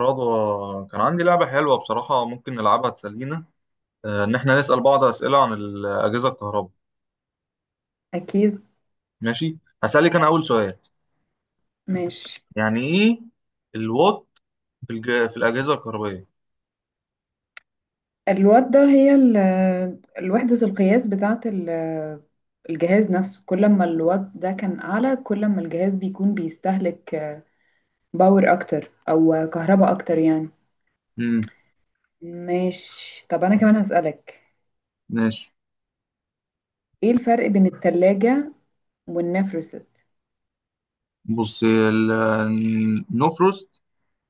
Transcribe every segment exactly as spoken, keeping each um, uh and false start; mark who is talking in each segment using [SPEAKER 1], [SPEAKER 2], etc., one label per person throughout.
[SPEAKER 1] رضوى، كان عندي لعبة حلوة بصراحة، ممكن نلعبها تسلينا؟ آه، إن إحنا نسأل بعض أسئلة عن الأجهزة الكهرباء.
[SPEAKER 2] أكيد.
[SPEAKER 1] ماشي. هسألك أنا أول سؤال.
[SPEAKER 2] ماشي.
[SPEAKER 1] يعني إيه الوات في, الج... في الأجهزة الكهربائية؟
[SPEAKER 2] الوات ده هي ال- الوحدة القياس بتاعة ال- الجهاز نفسه، كل ما الوات ده كان أعلى كل ما الجهاز بيكون بيستهلك باور أكتر أو كهرباء أكتر يعني.
[SPEAKER 1] مم.
[SPEAKER 2] ماشي، طب أنا كمان هسألك،
[SPEAKER 1] ماشي.
[SPEAKER 2] إيه الفرق بين التلاجة والنفرست؟
[SPEAKER 1] بص ال- النو فروست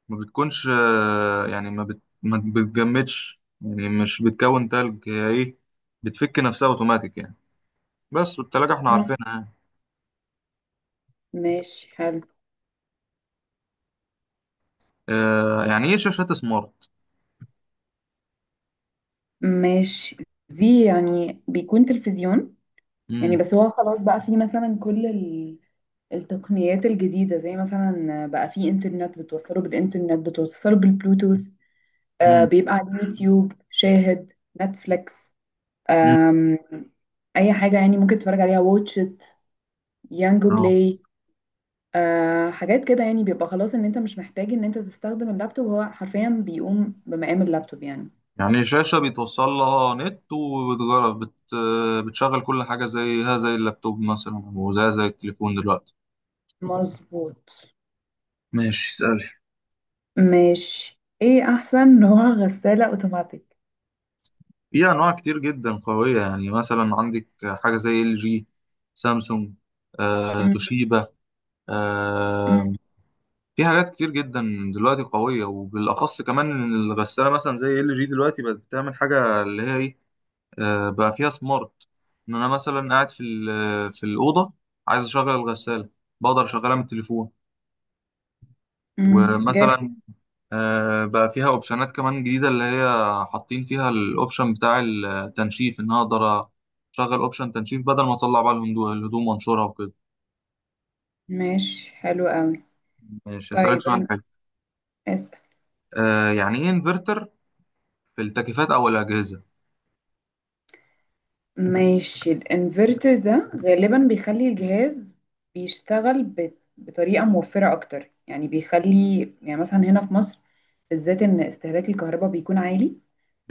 [SPEAKER 1] ما بتكونش، آه، يعني ما, بت... ما بتجمدش، يعني مش بتكون تلج، هي إيه، بتفك نفسها أوتوماتيك يعني. بس والتلاجة إحنا
[SPEAKER 2] مم.
[SPEAKER 1] عارفينها يعني.
[SPEAKER 2] ماشي حلو.
[SPEAKER 1] آه، يعني إيه شاشات سمارت؟
[SPEAKER 2] ماشي، دي يعني بيكون تلفزيون، يعني
[SPEAKER 1] مم.
[SPEAKER 2] بس هو خلاص بقى في مثلا كل ال- التقنيات الجديدة، زي مثلا بقى في انترنت، بتوصله بالانترنت بتوصله بالبلوتوث، آه
[SPEAKER 1] مم.
[SPEAKER 2] بيبقى على اليوتيوب شاهد، نتفليكس،
[SPEAKER 1] مم.
[SPEAKER 2] آم، اي حاجة يعني ممكن تتفرج عليها، واتشت، يانجو
[SPEAKER 1] آه.
[SPEAKER 2] بلاي، آه حاجات كده يعني، بيبقى خلاص ان انت مش محتاج ان انت تستخدم اللابتوب، هو حرفيا بيقوم بمقام اللابتوب يعني.
[SPEAKER 1] يعني شاشة بيتوصل لها نت وبتجرب بت... بتشغل كل حاجة زيها زي اللابتوب مثلا وزيها زي التليفون دلوقتي.
[SPEAKER 2] مظبوط.
[SPEAKER 1] ماشي اسألي.
[SPEAKER 2] ماشي، ايه احسن نوع غسالة اوتوماتيك.
[SPEAKER 1] في أنواع كتير جدا قوية، يعني مثلا عندك حاجة زي ال جي، سامسونج، آه،
[SPEAKER 2] امم.
[SPEAKER 1] توشيبا، آه، في حاجات كتير جدا دلوقتي قوية، وبالأخص كمان إن الغسالة مثلا زي ال جي دلوقتي بقت بتعمل حاجة اللي هي إيه، آه، بقى فيها سمارت. ان انا مثلا قاعد في ال- في الاوضه، عايز اشغل الغساله، بقدر اشغلها من التليفون.
[SPEAKER 2] امم.
[SPEAKER 1] ومثلا آه، بقى فيها اوبشنات كمان جديده اللي هي حاطين فيها الاوبشن بتاع التنشيف، ان انا اقدر اشغل اوبشن تنشيف بدل ما اطلع بقى الهندو- الهدوم وانشرها وكده.
[SPEAKER 2] ماشي حلو قوي.
[SPEAKER 1] ماشي، هسألك
[SPEAKER 2] طيب
[SPEAKER 1] سؤال
[SPEAKER 2] انا
[SPEAKER 1] حلو.
[SPEAKER 2] اسأل.
[SPEAKER 1] آه، يعني ايه انفرتر في التكييفات او الاجهزه؟
[SPEAKER 2] ماشي، الانفرتر ده غالبا بيخلي الجهاز بيشتغل ب- بطريقة موفرة اكتر، يعني بيخلي، يعني مثلا هنا في مصر بالذات ان استهلاك الكهرباء بيكون عالي،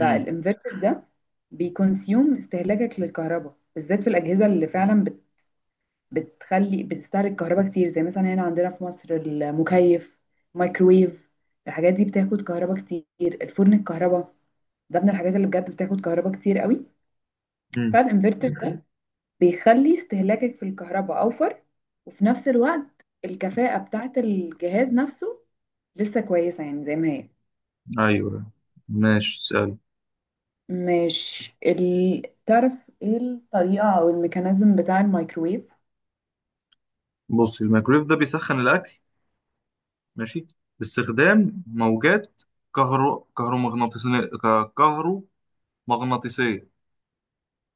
[SPEAKER 1] امم.
[SPEAKER 2] ده بيكونسيوم استهلاكك للكهرباء، بالذات في الأجهزة اللي فعلا بت- بتخلي بتستهلك كهرباء كتير، زي مثلا هنا عندنا في مصر المكيف، الميكرويف، الحاجات دي بتاخد كهرباء كتير، الفرن الكهرباء ده من الحاجات اللي بجد بتاخد كهرباء كتير قوي.
[SPEAKER 1] امم.
[SPEAKER 2] فالانفرتر ده بيخلي استهلاكك في الكهرباء اوفر، وفي نفس الوقت الكفاءة بتاعت الجهاز نفسه لسه كويسة، يعني زي ما هي.
[SPEAKER 1] ايوه. ماشي سأل.
[SPEAKER 2] مش ال... تعرف ايه الطريقة او الميكانيزم بتاع الميكروويف؟
[SPEAKER 1] بص الميكرويف ده بيسخن الاكل، ماشي، باستخدام موجات كهرو كهرومغناطيسية كهرومغناطيسية.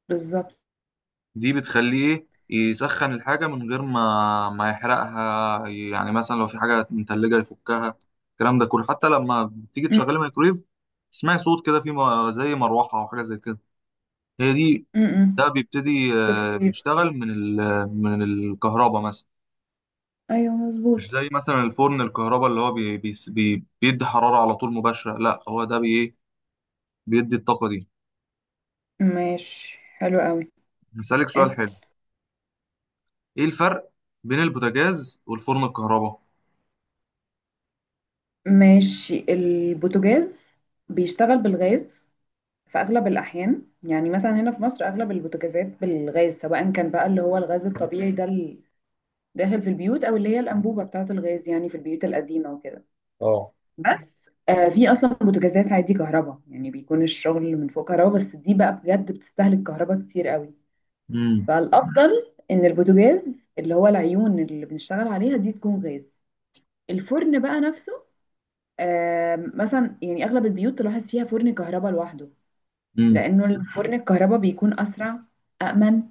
[SPEAKER 2] بالظبط.
[SPEAKER 1] دي بتخليه ايه، يسخن الحاجة من غير ما ما يحرقها، يعني مثلا لو في حاجة متلجة يفكها. الكلام ده كله حتى لما بتيجي
[SPEAKER 2] م-
[SPEAKER 1] تشغلي الميكرويف تسمعي صوت كده في م- زي مروحة أو حاجة زي كده. هي دي.
[SPEAKER 2] م-
[SPEAKER 1] ده
[SPEAKER 2] م.
[SPEAKER 1] بيبتدي
[SPEAKER 2] صوت
[SPEAKER 1] آه،
[SPEAKER 2] الويفز.
[SPEAKER 1] يشتغل من ال من الكهرباء مثلا.
[SPEAKER 2] ايوه
[SPEAKER 1] مش
[SPEAKER 2] مظبوط.
[SPEAKER 1] زي مثلا الفرن الكهرباء اللي هو بي بي بي- بيدي حرارة على طول مباشرة، لا هو ده بي بيدي الطاقة دي.
[SPEAKER 2] ماشي حلو قوي.
[SPEAKER 1] هسألك سؤال
[SPEAKER 2] اسأل.
[SPEAKER 1] حلو. ايه الفرق بين البوتاجاز والفرن الكهرباء؟
[SPEAKER 2] ماشي، البوتاجاز بيشتغل بالغاز في اغلب الاحيان، يعني مثلا هنا في مصر اغلب البوتاجازات بالغاز، سواء كان بقى اللي هو الغاز الطبيعي ده اللي داخل في البيوت، او اللي هي الانبوبه بتاعه الغاز يعني في البيوت القديمه وكده.
[SPEAKER 1] اه.
[SPEAKER 2] بس آه في اصلا بوتاجازات عادي كهرباء، يعني بيكون الشغل من فوق كهرباء بس، دي بقى بجد بتستهلك كهرباء كتير قوي.
[SPEAKER 1] امم.
[SPEAKER 2] فالافضل ان البوتاجاز اللي هو العيون اللي بنشتغل عليها دي تكون غاز. الفرن بقى نفسه، آه مثلا يعني اغلب البيوت تلاحظ فيها فرن كهرباء لوحده،
[SPEAKER 1] امم.
[SPEAKER 2] لأنه ال- فرن الكهرباء بيكون أسرع، أأمن.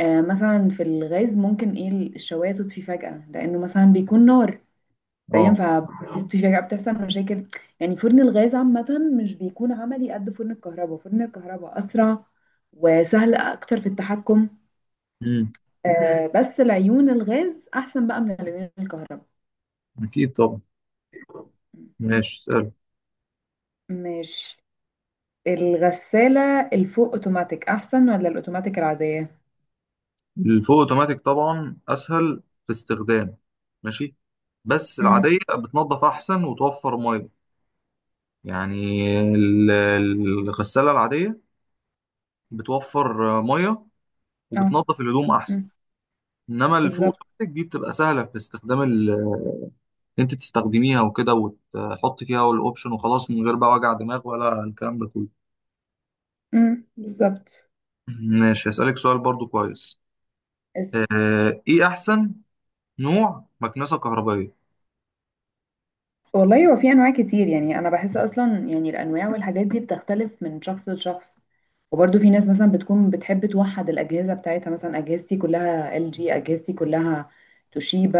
[SPEAKER 2] آه مثلا في الغاز ممكن إيه الشواية تطفي فجأة، لأنه مثلا بيكون نار، فاهم؟
[SPEAKER 1] اه.
[SPEAKER 2] فبتطفي فجأة بتحصل مشاكل. يعني فرن الغاز عامة مش بيكون عملي قد فرن الكهرباء، فرن الكهرباء أسرع وسهل أكتر في التحكم.
[SPEAKER 1] امم.
[SPEAKER 2] آه بس العيون الغاز أحسن بقى من العيون الكهرباء.
[SPEAKER 1] اكيد طبعا. ماشي سأل.
[SPEAKER 2] مش الغسالة الفوق اوتوماتيك احسن ولا الاوتوماتيك العادية؟
[SPEAKER 1] الفول اوتوماتيك طبعا اسهل في استخدام، ماشي، بس
[SPEAKER 2] امم.
[SPEAKER 1] العادية بتنظف احسن وتوفر ميه. يعني ال- ال- الغسالة العادية بتوفر ميه
[SPEAKER 2] اه.
[SPEAKER 1] وبتنظف الهدوم احسن.
[SPEAKER 2] امم.
[SPEAKER 1] انما الفول
[SPEAKER 2] بالظبط.
[SPEAKER 1] اوتوماتيك دي بتبقى سهلة في استخدام، انت تستخدميها وكده وتحطي فيها الاوبشن وخلاص من غير بقى وجع دماغ ولا الكلام ده كله.
[SPEAKER 2] امم بالظبط.
[SPEAKER 1] ماشي هسألك سؤال برضو كويس.
[SPEAKER 2] اس-
[SPEAKER 1] آه، ايه احسن نوع مكنسة كهربائية؟
[SPEAKER 2] والله هو في انواع كتير، يعني انا بحس اصلا يعني الانواع والحاجات دي بتختلف من شخص لشخص، وبرده في ناس مثلا بتكون بتحب توحد الاجهزه بتاعتها، مثلا اجهزتي كلها ال جي، اجهزتي كلها توشيبا،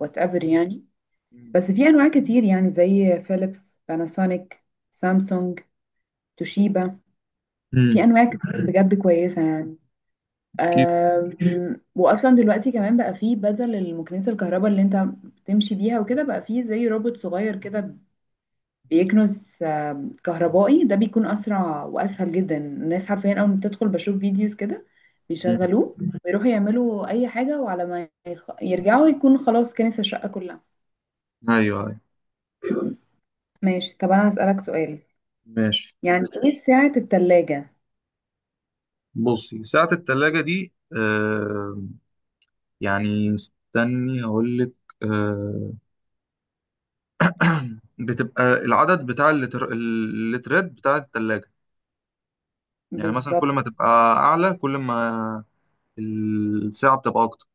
[SPEAKER 2] وات ايفر يعني.
[SPEAKER 1] مم.
[SPEAKER 2] بس في انواع كتير، يعني زي فيليبس، باناسونيك، سامسونج، توشيبا، في
[SPEAKER 1] امم.
[SPEAKER 2] انواع كتير بجد كويسه يعني.
[SPEAKER 1] اكيد.
[SPEAKER 2] أم، واصلا دلوقتي كمان بقى فيه بدل المكنسه الكهرباء اللي انت تمشي بيها وكده، بقى فيه زي روبوت صغير كده بيكنز آه، كهربائي، ده بيكون اسرع واسهل جدا، الناس حرفيا اول ما بتدخل بشوف فيديوز كده
[SPEAKER 1] مم.
[SPEAKER 2] بيشغلوه ويروحوا يعملوا اي حاجه، وعلى ما يخ... يرجعوا يكون خلاص كنس الشقه كلها.
[SPEAKER 1] ايوه ايوه.
[SPEAKER 2] ماشي طب انا هسألك سؤال،
[SPEAKER 1] ماشي.
[SPEAKER 2] يعني ايه سعة التلاجة؟
[SPEAKER 1] بصي ساعة التلاجة دي، آه يعني استني هقول لك. آه بتبقى العدد بتاع اللتر... اللترات بتاع التلاجة. يعني مثلا كل ما
[SPEAKER 2] بالظبط.
[SPEAKER 1] تبقى اعلى كل ما الساعة بتبقى اكتر.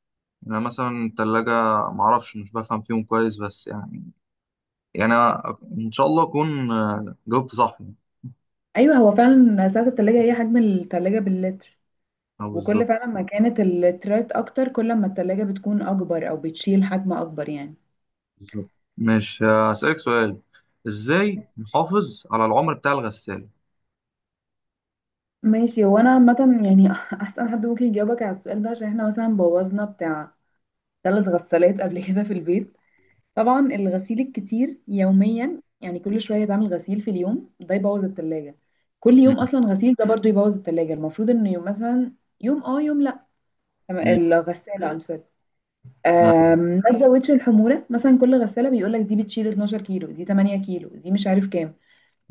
[SPEAKER 1] يعني انا مثلا التلاجة معرفش مش بفهم فيهم كويس بس يعني. يعني أنا ان شاء الله اكون آه، جاوبت صح يعني.
[SPEAKER 2] ايوه هو فعلا سعة التلاجة هي حجم التلاجة باللتر،
[SPEAKER 1] او
[SPEAKER 2] وكل
[SPEAKER 1] بالظبط.
[SPEAKER 2] فعلا ما كانت اللترات اكتر كل ما التلاجة بتكون اكبر او بتشيل حجم اكبر يعني.
[SPEAKER 1] بالظبط. مش، هسألك سؤال. ازاي نحافظ على العمر بتاع الغسالة؟
[SPEAKER 2] ماشي، هو انا عامه يعني احسن حد ممكن يجاوبك على السؤال ده، عشان احنا مثلا بوظنا بتاع ثلاث غسالات قبل كده في البيت. طبعا الغسيل الكتير يوميا، يعني كل شويه يتعمل غسيل في اليوم ده، يبوظ التلاجة. كل يوم
[SPEAKER 1] مم.
[SPEAKER 2] اصلا غسيل ده برضو يبوظ التلاجة، المفروض ان يوم مثلا، يوم اه يوم لا، تم-
[SPEAKER 1] مم.
[SPEAKER 2] الغساله. I'm sorry.
[SPEAKER 1] أيوه.
[SPEAKER 2] آم، ما تزودش الحموله، مثلا كل غساله بيقول لك دي بتشيل اثنا عشر كيلو، دي ثمانية كيلو، دي مش عارف كام.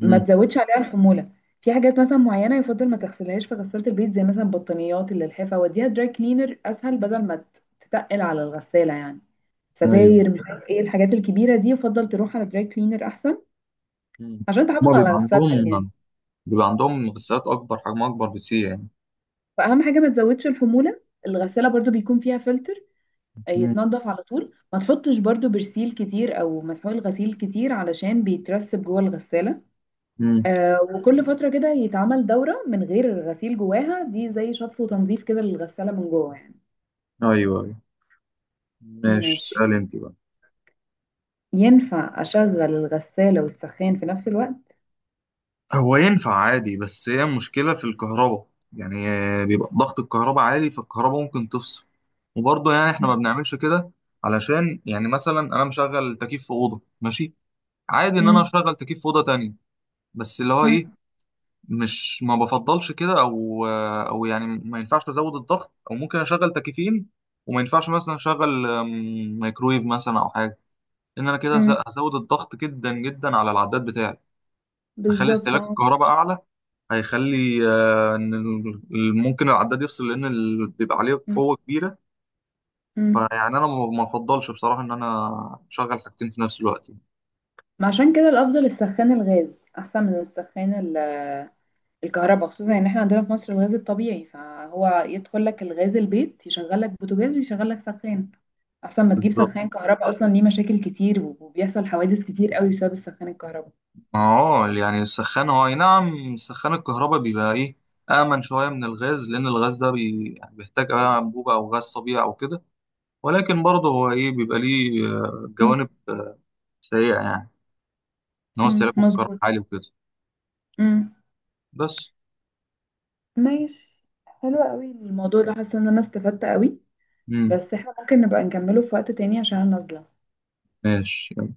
[SPEAKER 2] ما تزودش عليها الحموله. في حاجات مثلا معينه يفضل ما تغسلهاش في غساله البيت، زي مثلا البطانيات اللي الحفه، وديها دراي كلينر اسهل، بدل ما تتقل على الغساله يعني.
[SPEAKER 1] أيوه.
[SPEAKER 2] ستاير، مش عارف ايه الحاجات الكبيره دي، يفضل تروح على دراي كلينر احسن
[SPEAKER 1] مم.
[SPEAKER 2] عشان
[SPEAKER 1] هما
[SPEAKER 2] تحافظ على
[SPEAKER 1] بيبقى
[SPEAKER 2] غسالتك يعني.
[SPEAKER 1] عندهم بيبقى عندهم غسالات أكبر، حجمها أكبر بكتير يعني.
[SPEAKER 2] فاهم؟ حاجه ما تزودش الحموله، الغساله برضو بيكون فيها فلتر
[SPEAKER 1] مم.
[SPEAKER 2] يتنضف على طول، ما تحطش برضو برسيل كتير او مسحول غسيل كتير، علشان بيترسب جوه الغساله.
[SPEAKER 1] مم.
[SPEAKER 2] آه، وكل فترة كده يتعمل دورة من غير غسيل جواها، دي زي شطف وتنظيف كده للغسالة من جوه يعني.
[SPEAKER 1] أيوه أيوه. ماشي
[SPEAKER 2] ماشي،
[SPEAKER 1] اسأل أنت بقى.
[SPEAKER 2] ينفع أشغل الغسالة والسخان في نفس الوقت؟
[SPEAKER 1] هو ينفع عادي بس هي المشكلة في الكهرباء، يعني آه، بيبقى ضغط الكهرباء عالي فالكهرباء ممكن تفصل، وبرضه يعني احنا ما
[SPEAKER 2] مم.
[SPEAKER 1] بنعملش كده. علشان يعني مثلا انا مشغل تكييف في أوضة، ماشي عادي ان انا
[SPEAKER 2] مم.
[SPEAKER 1] اشغل تكييف في أوضة تانية، بس اللي هو
[SPEAKER 2] مم.
[SPEAKER 1] ايه، مش ما بفضلش كده او آه، او يعني ما ينفعش ازود الضغط او ممكن اشغل تكييفين. وما ينفعش مثلا اشغل آم، مايكرويف مثلا او حاجة، ان انا كده هز-
[SPEAKER 2] مم.
[SPEAKER 1] هزود الضغط جدا جدا على العداد بتاعي. هخلي
[SPEAKER 2] بالظبط
[SPEAKER 1] استهلاك
[SPEAKER 2] اه.
[SPEAKER 1] الكهرباء اعلى، هيخلي آه، ان ال- ممكن العداد يفصل لان ال- بيبقى عليه
[SPEAKER 2] مم.
[SPEAKER 1] قوه كبيره.
[SPEAKER 2] مم.
[SPEAKER 1] فيعني انا ما ما افضلش بصراحه ان انا اشغل حاجتين في نفس الوقت.
[SPEAKER 2] ما عشان كده الأفضل السخان الغاز أحسن من السخان ال- الكهرباء، خصوصا ان احنا عندنا في مصر الغاز الطبيعي، فهو يدخل لك الغاز البيت يشغل لك بوتاجاز ويشغل لك سخان، احسن ما تجيب
[SPEAKER 1] بالظبط
[SPEAKER 2] سخان كهرباء اصلا، ليه مشاكل كتير وبيحصل حوادث كتير قوي بسبب السخان الكهرباء.
[SPEAKER 1] اه. يعني السخان هو أي نعم، سخان الكهرباء بيبقى ايه، امن شويه من الغاز لان الغاز ده بي... يعني بيحتاج بقى انبوبه او غاز طبيعي او كده. ولكن برضه هو ايه بيبقى ليه آه،
[SPEAKER 2] مم.
[SPEAKER 1] جوانب سيئه يعني، ان هو
[SPEAKER 2] مم.
[SPEAKER 1] استهلاكه في الكهرباء
[SPEAKER 2] مظبوط.
[SPEAKER 1] عالي وكده.
[SPEAKER 2] امم.
[SPEAKER 1] بس.
[SPEAKER 2] ماشي حلو قوي الموضوع ده، حاسه ان انا استفدت قوي،
[SPEAKER 1] امم.
[SPEAKER 2] بس احنا ممكن نبقى نكمله في وقت تاني عشان أنا نازله.
[SPEAKER 1] ماشي.